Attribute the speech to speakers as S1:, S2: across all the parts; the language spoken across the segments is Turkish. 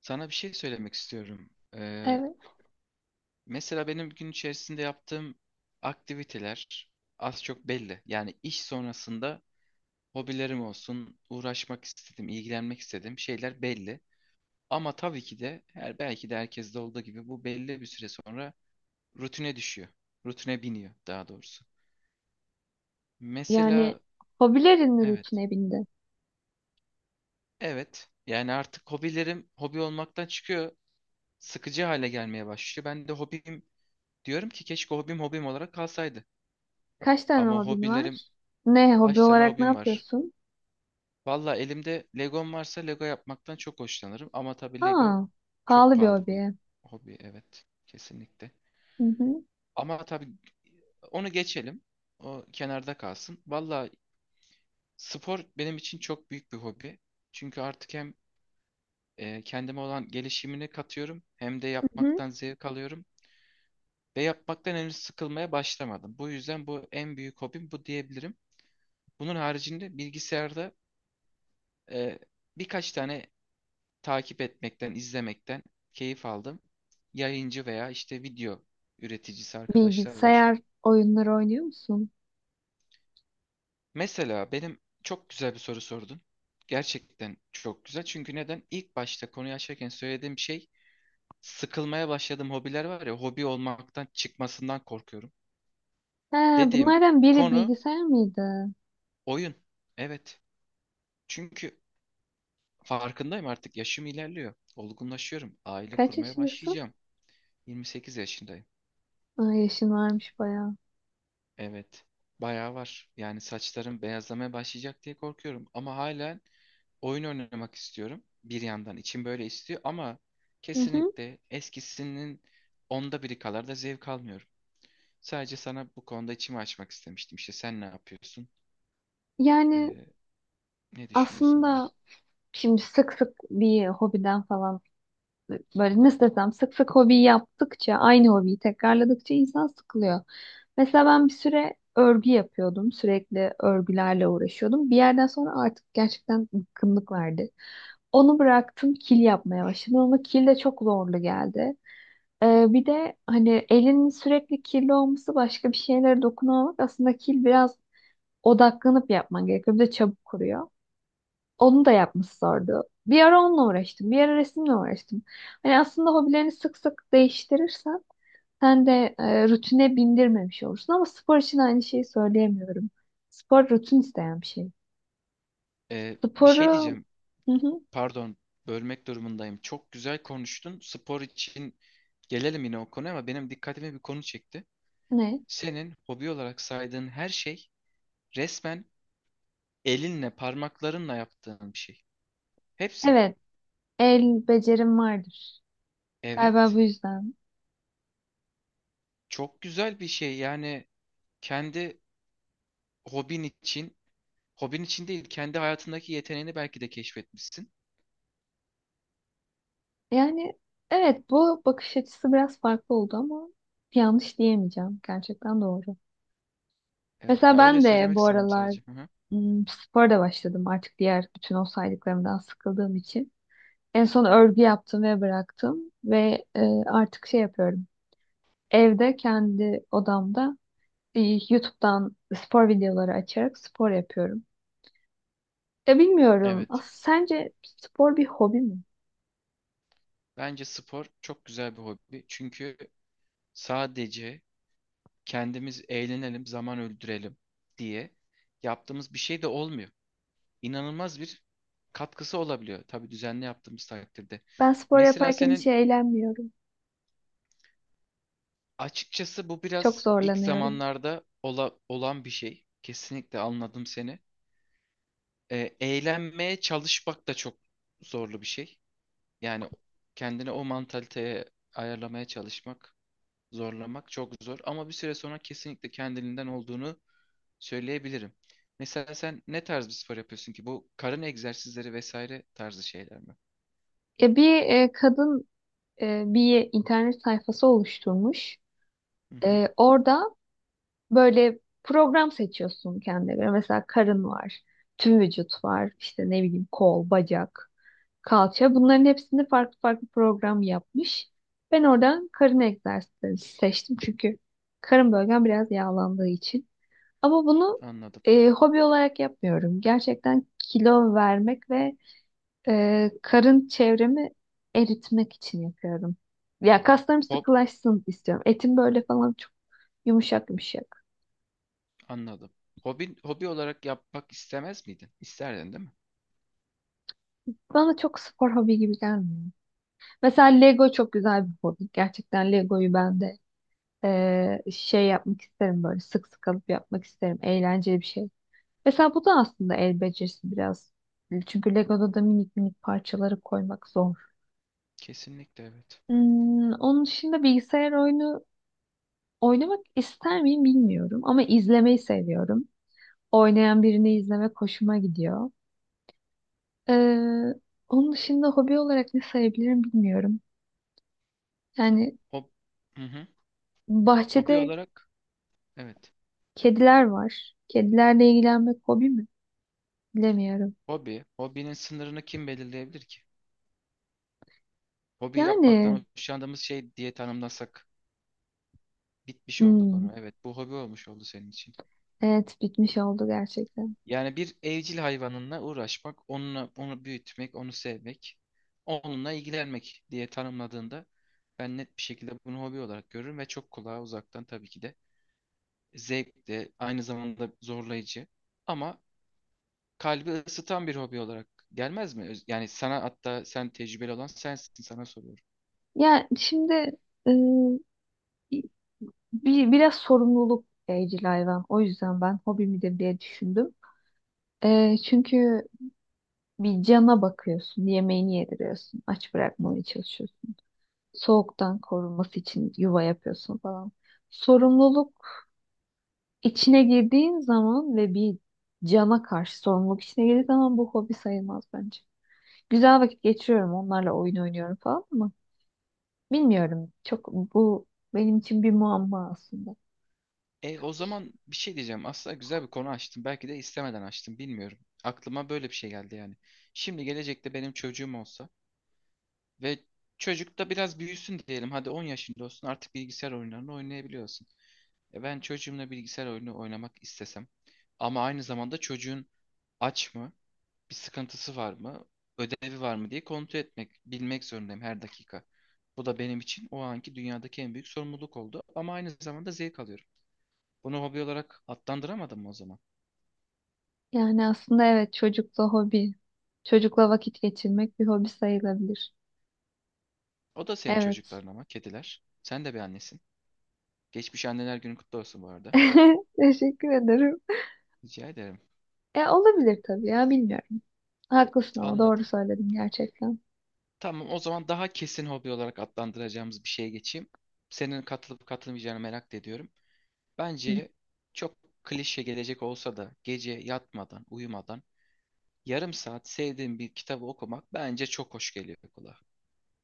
S1: Sana bir şey söylemek istiyorum. Ee,
S2: Evet.
S1: mesela benim gün içerisinde yaptığım aktiviteler az çok belli. Yani iş sonrasında hobilerim olsun, uğraşmak istedim, ilgilenmek istediğim şeyler belli. Ama tabii ki de her belki de herkeste olduğu gibi bu belli bir süre sonra rutine düşüyor. Rutine biniyor daha doğrusu.
S2: Yani
S1: Mesela
S2: hobilerin
S1: evet,
S2: rutine bindi.
S1: evet. Yani artık hobilerim hobi olmaktan çıkıyor, sıkıcı hale gelmeye başlıyor. Ben de hobim diyorum ki keşke hobim olarak kalsaydı.
S2: Kaç tane
S1: Ama
S2: hobin
S1: hobilerim
S2: var? Ne hobi
S1: kaç tane
S2: olarak ne
S1: hobim var?
S2: yapıyorsun?
S1: Valla elimde Legom varsa Lego yapmaktan çok hoşlanırım. Ama tabii Lego
S2: Aa,
S1: çok
S2: pahalı bir
S1: pahalı bir
S2: hobi.
S1: hobi. Evet, kesinlikle.
S2: Hı hı.
S1: Ama tabii onu geçelim. O kenarda kalsın. Valla spor benim için çok büyük bir hobi. Çünkü artık hem kendime olan gelişimini katıyorum hem de
S2: Hı hı.
S1: yapmaktan zevk alıyorum. Ve yapmaktan henüz sıkılmaya başlamadım. Bu yüzden bu en büyük hobim bu diyebilirim. Bunun haricinde bilgisayarda e, birkaç tane takip etmekten, izlemekten keyif aldım. Yayıncı veya işte video üreticisi arkadaşlar var.
S2: Bilgisayar oyunları oynuyor musun?
S1: Mesela benim çok güzel bir soru sordun. Gerçekten çok güzel. Çünkü neden? İlk başta konuyu açarken söylediğim şey sıkılmaya başladığım hobiler var ya hobi olmaktan çıkmasından korkuyorum.
S2: He,
S1: Dediğim
S2: bunlardan biri
S1: konu
S2: bilgisayar mıydı?
S1: oyun. Evet. Çünkü farkındayım artık yaşım ilerliyor. Olgunlaşıyorum. Aile
S2: Kaç
S1: kurmaya
S2: yaşındasın?
S1: başlayacağım. 28 yaşındayım.
S2: Aa, yaşın varmış bayağı.
S1: Evet. Bayağı var. Yani saçlarım beyazlamaya başlayacak diye korkuyorum. Ama hala oyun oynamak istiyorum. Bir yandan içim böyle istiyor ama
S2: Hı hı.
S1: kesinlikle eskisinin onda biri kadar da zevk almıyorum. Sadece sana bu konuda içimi açmak istemiştim. İşte sen ne yapıyorsun?
S2: Yani
S1: Ee, ne düşünüyorsun diye.
S2: aslında şimdi sık sık bir hobiden falan böyle nasıl desem, sık sık hobi yaptıkça, aynı hobiyi tekrarladıkça insan sıkılıyor. Mesela ben bir süre örgü yapıyordum. Sürekli örgülerle uğraşıyordum. Bir yerden sonra artık gerçekten bıkkınlık verdi. Onu bıraktım, kil yapmaya başladım, ama kil de çok zorlu geldi. Bir de hani elinin sürekli kirli olması, başka bir şeylere dokunamamak, aslında kil biraz odaklanıp yapman gerekiyor. Bir de çabuk kuruyor. Onu da yapması zordu. Bir ara onunla uğraştım. Bir ara resimle uğraştım. Hani aslında hobilerini sık sık değiştirirsen sen de rutine bindirmemiş olursun. Ama spor için aynı şeyi söyleyemiyorum. Spor rutin isteyen bir şey.
S1: Bir şey
S2: Sporu.
S1: diyeceğim.
S2: Hı hı.
S1: Pardon, bölmek durumundayım. Çok güzel konuştun. Spor için gelelim yine o konuya ama benim dikkatimi bir konu çekti.
S2: Ne?
S1: Senin hobi olarak saydığın her şey resmen elinle, parmaklarınla yaptığın bir şey. Hepsi.
S2: Evet. El becerim vardır. Galiba bu
S1: Evet.
S2: yüzden.
S1: Çok güzel bir şey. Yani kendi hobin için, hobin için değil, kendi hayatındaki yeteneğini belki de keşfetmişsin.
S2: Yani evet, bu bakış açısı biraz farklı oldu ama yanlış diyemeyeceğim. Gerçekten doğru.
S1: Evet.
S2: Mesela
S1: Ya öyle
S2: ben de
S1: söylemek
S2: bu
S1: istedim
S2: aralar,
S1: sadece. Hı hı.
S2: hmm, spora da başladım artık, diğer bütün o saydıklarımdan sıkıldığım için. En son örgü yaptım ve bıraktım ve artık şey yapıyorum. Evde kendi odamda e, YouTube'dan spor videoları açarak spor yapıyorum. Ya bilmiyorum. As
S1: Evet.
S2: sence spor bir hobi mi?
S1: Bence spor çok güzel bir hobi. Çünkü sadece kendimiz eğlenelim, zaman öldürelim diye yaptığımız bir şey de olmuyor. İnanılmaz bir katkısı olabiliyor. Tabii düzenli yaptığımız takdirde.
S2: Ben spor
S1: Mesela
S2: yaparken hiç
S1: senin
S2: eğlenmiyorum.
S1: açıkçası bu
S2: Çok
S1: biraz ilk
S2: zorlanıyorum.
S1: zamanlarda olan bir şey. Kesinlikle anladım seni. Eğlenmeye çalışmak da çok zorlu bir şey. Yani kendini o mantaliteye ayarlamaya çalışmak, zorlamak çok zor. Ama bir süre sonra kesinlikle kendiliğinden olduğunu söyleyebilirim. Mesela sen ne tarz bir spor yapıyorsun ki? Bu karın egzersizleri vesaire tarzı şeyler mi?
S2: Ya bir kadın, bir internet sayfası oluşturmuş.
S1: Hı hı,
S2: E, orada böyle program seçiyorsun kendine göre. Mesela karın var, tüm vücut var, işte ne bileyim kol, bacak, kalça. Bunların hepsini farklı farklı program yapmış. Ben oradan karın egzersizleri seçtim, çünkü karın bölgem biraz yağlandığı için. Ama bunu
S1: anladım.
S2: hobi olarak yapmıyorum. Gerçekten kilo vermek ve karın çevremi eritmek için yapıyorum. Ya kaslarım
S1: Hop,
S2: sıkılaşsın istiyorum. Etim böyle falan çok yumuşak yumuşak.
S1: anladım. Hobi, hobi olarak yapmak istemez miydin? İsterdin, değil mi?
S2: Bana çok spor hobi gibi gelmiyor. Mesela Lego çok güzel bir hobi. Gerçekten Lego'yu ben de şey yapmak isterim, böyle sık sık alıp yapmak isterim. Eğlenceli bir şey. Mesela bu da aslında el becerisi biraz. Çünkü Lego'da da minik minik parçaları koymak zor.
S1: Kesinlikle evet.
S2: Hmm, onun dışında bilgisayar oyunu oynamak ister miyim bilmiyorum. Ama izlemeyi seviyorum. Oynayan birini izlemek hoşuma gidiyor. Eee, Onun dışında hobi olarak ne sayabilirim bilmiyorum. Yani
S1: Hob hı hı. Hobi
S2: bahçede
S1: olarak evet.
S2: kediler var. Kedilerle ilgilenmek hobi mi? Bilemiyorum.
S1: Hobi. Hobinin sınırını kim belirleyebilir ki? Hobi
S2: Yani
S1: yapmaktan hoşlandığımız şey diye tanımlasak bitmiş oldu
S2: hmm,
S1: konu. Evet, bu hobi olmuş oldu senin için.
S2: evet, bitmiş oldu gerçekten.
S1: Yani bir evcil hayvanınla uğraşmak, onunla onu büyütmek, onu sevmek, onunla ilgilenmek diye tanımladığında ben net bir şekilde bunu hobi olarak görürüm ve çok kulağa uzaktan tabii ki de zevk de aynı zamanda zorlayıcı ama kalbi ısıtan bir hobi olarak gelmez mi? Yani sana hatta sen tecrübeli olan sensin sana soruyorum.
S2: Ya şimdi, e, bir, biraz sorumluluk evcil hayvan. O yüzden ben hobi midir diye düşündüm. E, çünkü bir cana bakıyorsun, yemeğini yediriyorsun, aç bırakmamaya çalışıyorsun. Soğuktan korunması için yuva yapıyorsun falan. Sorumluluk İçine girdiğin zaman ve bir cana karşı sorumluluk içine girdiği zaman bu hobi sayılmaz bence. Güzel vakit geçiriyorum, onlarla oyun oynuyorum falan, ama bilmiyorum. Çok, bu benim için bir muamma aslında.
S1: E o zaman bir şey diyeceğim. Aslında güzel bir konu açtım. Belki de istemeden açtım bilmiyorum. Aklıma böyle bir şey geldi yani. Şimdi gelecekte benim çocuğum olsa ve çocuk da biraz büyüsün diyelim. Hadi 10 yaşında olsun artık bilgisayar oyunlarını oynayabiliyorsun. E ben çocuğumla bilgisayar oyunu oynamak istesem ama aynı zamanda çocuğun aç mı, bir sıkıntısı var mı, ödevi var mı diye kontrol etmek, bilmek zorundayım her dakika. Bu da benim için o anki dünyadaki en büyük sorumluluk oldu ama aynı zamanda zevk alıyorum. Bunu hobi olarak adlandıramadım mı o zaman?
S2: Yani aslında evet, çocukla hobi, çocukla vakit geçirmek bir hobi sayılabilir.
S1: O da senin
S2: Evet.
S1: çocukların ama kediler. Sen de bir annesin. Geçmiş anneler günü kutlu olsun bu arada.
S2: Teşekkür ederim.
S1: Rica ederim.
S2: E, olabilir tabii ya, bilmiyorum. Haklısın, ama doğru
S1: Anladım.
S2: söyledim gerçekten.
S1: Tamam o zaman daha kesin hobi olarak adlandıracağımız bir şeye geçeyim. Senin katılıp katılmayacağını merak da ediyorum.
S2: Hı.
S1: Bence çok klişe gelecek olsa da gece yatmadan, uyumadan yarım saat sevdiğim bir kitabı okumak bence çok hoş geliyor kulağa.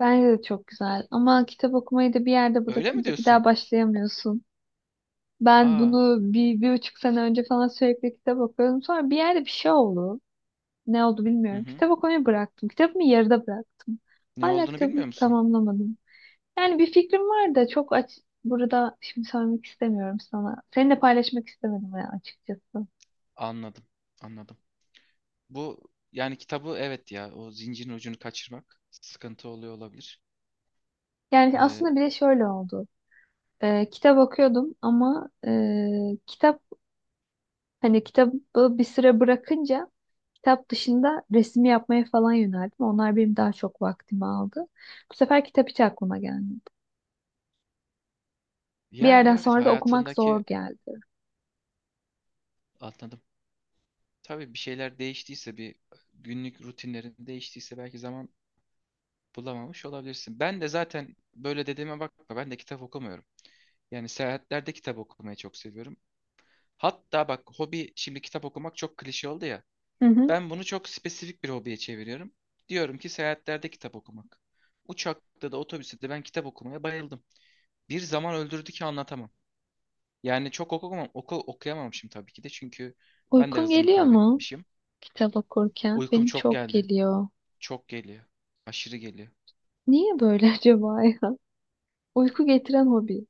S2: Bence de çok güzel, ama kitap okumayı da bir yerde
S1: Öyle mi
S2: bırakınca bir
S1: diyorsun?
S2: daha başlayamıyorsun. Ben
S1: Aa,
S2: bunu bir, bir buçuk sene önce falan sürekli kitap okuyordum. Sonra bir yerde bir şey oldu. Ne oldu
S1: hı
S2: bilmiyorum.
S1: hı.
S2: Kitap okumayı bıraktım. Kitabımı yarıda bıraktım.
S1: Ne
S2: Hala
S1: olduğunu
S2: kitabımı
S1: bilmiyor musun?
S2: tamamlamadım. Yani bir fikrim var da çok aç... Burada şimdi söylemek istemiyorum sana. Seninle paylaşmak istemedim ya açıkçası.
S1: Anladım, anladım. Bu yani kitabı evet ya o zincirin ucunu kaçırmak sıkıntı oluyor olabilir.
S2: Yani
S1: Ee,
S2: aslında bir de şöyle oldu. Kitap okuyordum ama kitap, hani kitabı bir süre bırakınca kitap dışında resim yapmaya falan yöneldim. Onlar benim daha çok vaktimi aldı. Bu sefer kitap hiç aklıma gelmedi. Bir
S1: yani
S2: yerden
S1: evet
S2: sonra da okumak
S1: hayatındaki
S2: zor geldi.
S1: anladım. Tabii bir şeyler değiştiyse bir günlük rutinlerin değiştiyse belki zaman bulamamış olabilirsin. Ben de zaten böyle dediğime bakma ben de kitap okumuyorum. Yani seyahatlerde kitap okumayı çok seviyorum. Hatta bak hobi şimdi kitap okumak çok klişe oldu ya.
S2: Hı hı.
S1: Ben bunu çok spesifik bir hobiye çeviriyorum. Diyorum ki seyahatlerde kitap okumak. Uçakta da otobüste de ben kitap okumaya bayıldım. Bir zaman öldürdü ki anlatamam. Yani çok okumam, okuyamamışım tabii ki de çünkü ben de
S2: Uykun
S1: hızımı
S2: geliyor mu
S1: kaybetmişim.
S2: kitap okurken?
S1: Uykum
S2: Benim
S1: çok
S2: çok
S1: geldi.
S2: geliyor.
S1: Çok geliyor. Aşırı geliyor.
S2: Niye böyle acaba ya? Uyku getiren hobi.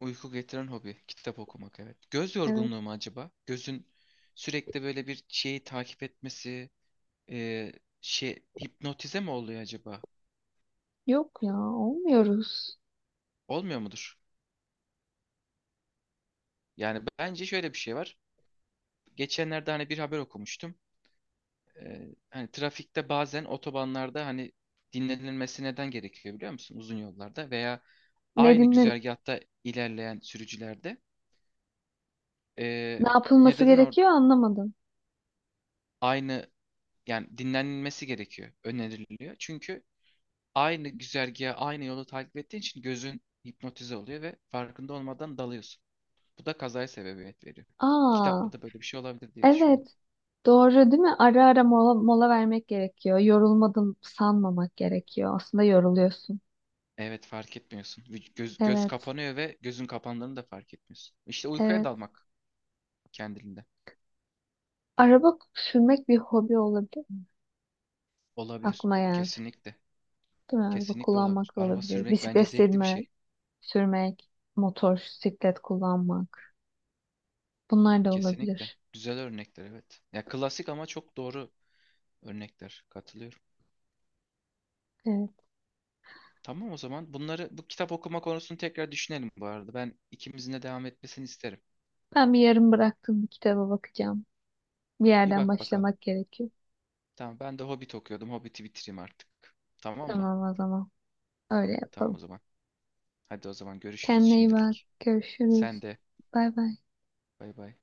S1: Uyku getiren hobi kitap okumak evet. Göz
S2: Evet.
S1: yorgunluğu mu acaba? Gözün sürekli böyle bir şeyi takip etmesi, e, şey hipnotize mi oluyor acaba?
S2: Yok ya, olmuyoruz.
S1: Olmuyor mudur? Yani bence şöyle bir şey var. Geçenlerde hani bir haber okumuştum. Hani trafikte bazen otobanlarda hani dinlenilmesi neden gerekiyor biliyor musun? Uzun yollarda veya
S2: Ne
S1: aynı
S2: dinlen,
S1: güzergahta ilerleyen sürücülerde ee,
S2: ne
S1: ne
S2: yapılması
S1: dedin?
S2: gerekiyor anlamadım.
S1: Aynı, yani dinlenilmesi gerekiyor, öneriliyor. Çünkü aynı güzergahı, aynı yolu takip ettiğin için gözün hipnotize oluyor ve farkında olmadan dalıyorsun. Bu da kazaya sebebiyet veriyor.
S2: Aa,
S1: Kitapta da böyle bir şey olabilir diye düşündüm.
S2: evet. Doğru değil mi? Ara ara mola, mola vermek gerekiyor. Yorulmadım sanmamak gerekiyor. Aslında yoruluyorsun.
S1: Evet fark etmiyorsun. Göz
S2: Evet,
S1: kapanıyor ve gözün kapandığını da fark etmiyorsun. İşte uykuya
S2: evet.
S1: dalmak kendiliğinden.
S2: Araba sürmek bir hobi olabilir.
S1: Olabilir.
S2: Aklıma geldi.
S1: Kesinlikle.
S2: Değil mi? Araba
S1: Kesinlikle olabilir.
S2: kullanmak da
S1: Araba
S2: olabilir.
S1: sürmek bence
S2: Bisiklet
S1: zevkli bir
S2: sürme,
S1: şey.
S2: sürmek, motor, siklet kullanmak. Bunlar da
S1: Kesinlikle.
S2: olabilir.
S1: Güzel örnekler evet. Ya klasik ama çok doğru örnekler. Katılıyorum.
S2: Evet.
S1: Tamam o zaman bunları bu kitap okuma konusunu tekrar düşünelim bu arada. Ben ikimizin de devam etmesini isterim.
S2: Ben bir yarım bıraktığım bir kitaba bakacağım. Bir
S1: Bir
S2: yerden
S1: bak bakalım.
S2: başlamak gerekiyor.
S1: Tamam ben de Hobbit okuyordum. Hobbit'i bitireyim artık. Tamam mı?
S2: Tamam o zaman. Öyle
S1: Tamam o
S2: yapalım.
S1: zaman. Hadi o zaman görüşürüz
S2: Kendine iyi bak.
S1: şimdilik.
S2: Görüşürüz.
S1: Sen de
S2: Bay bay.
S1: bay bay.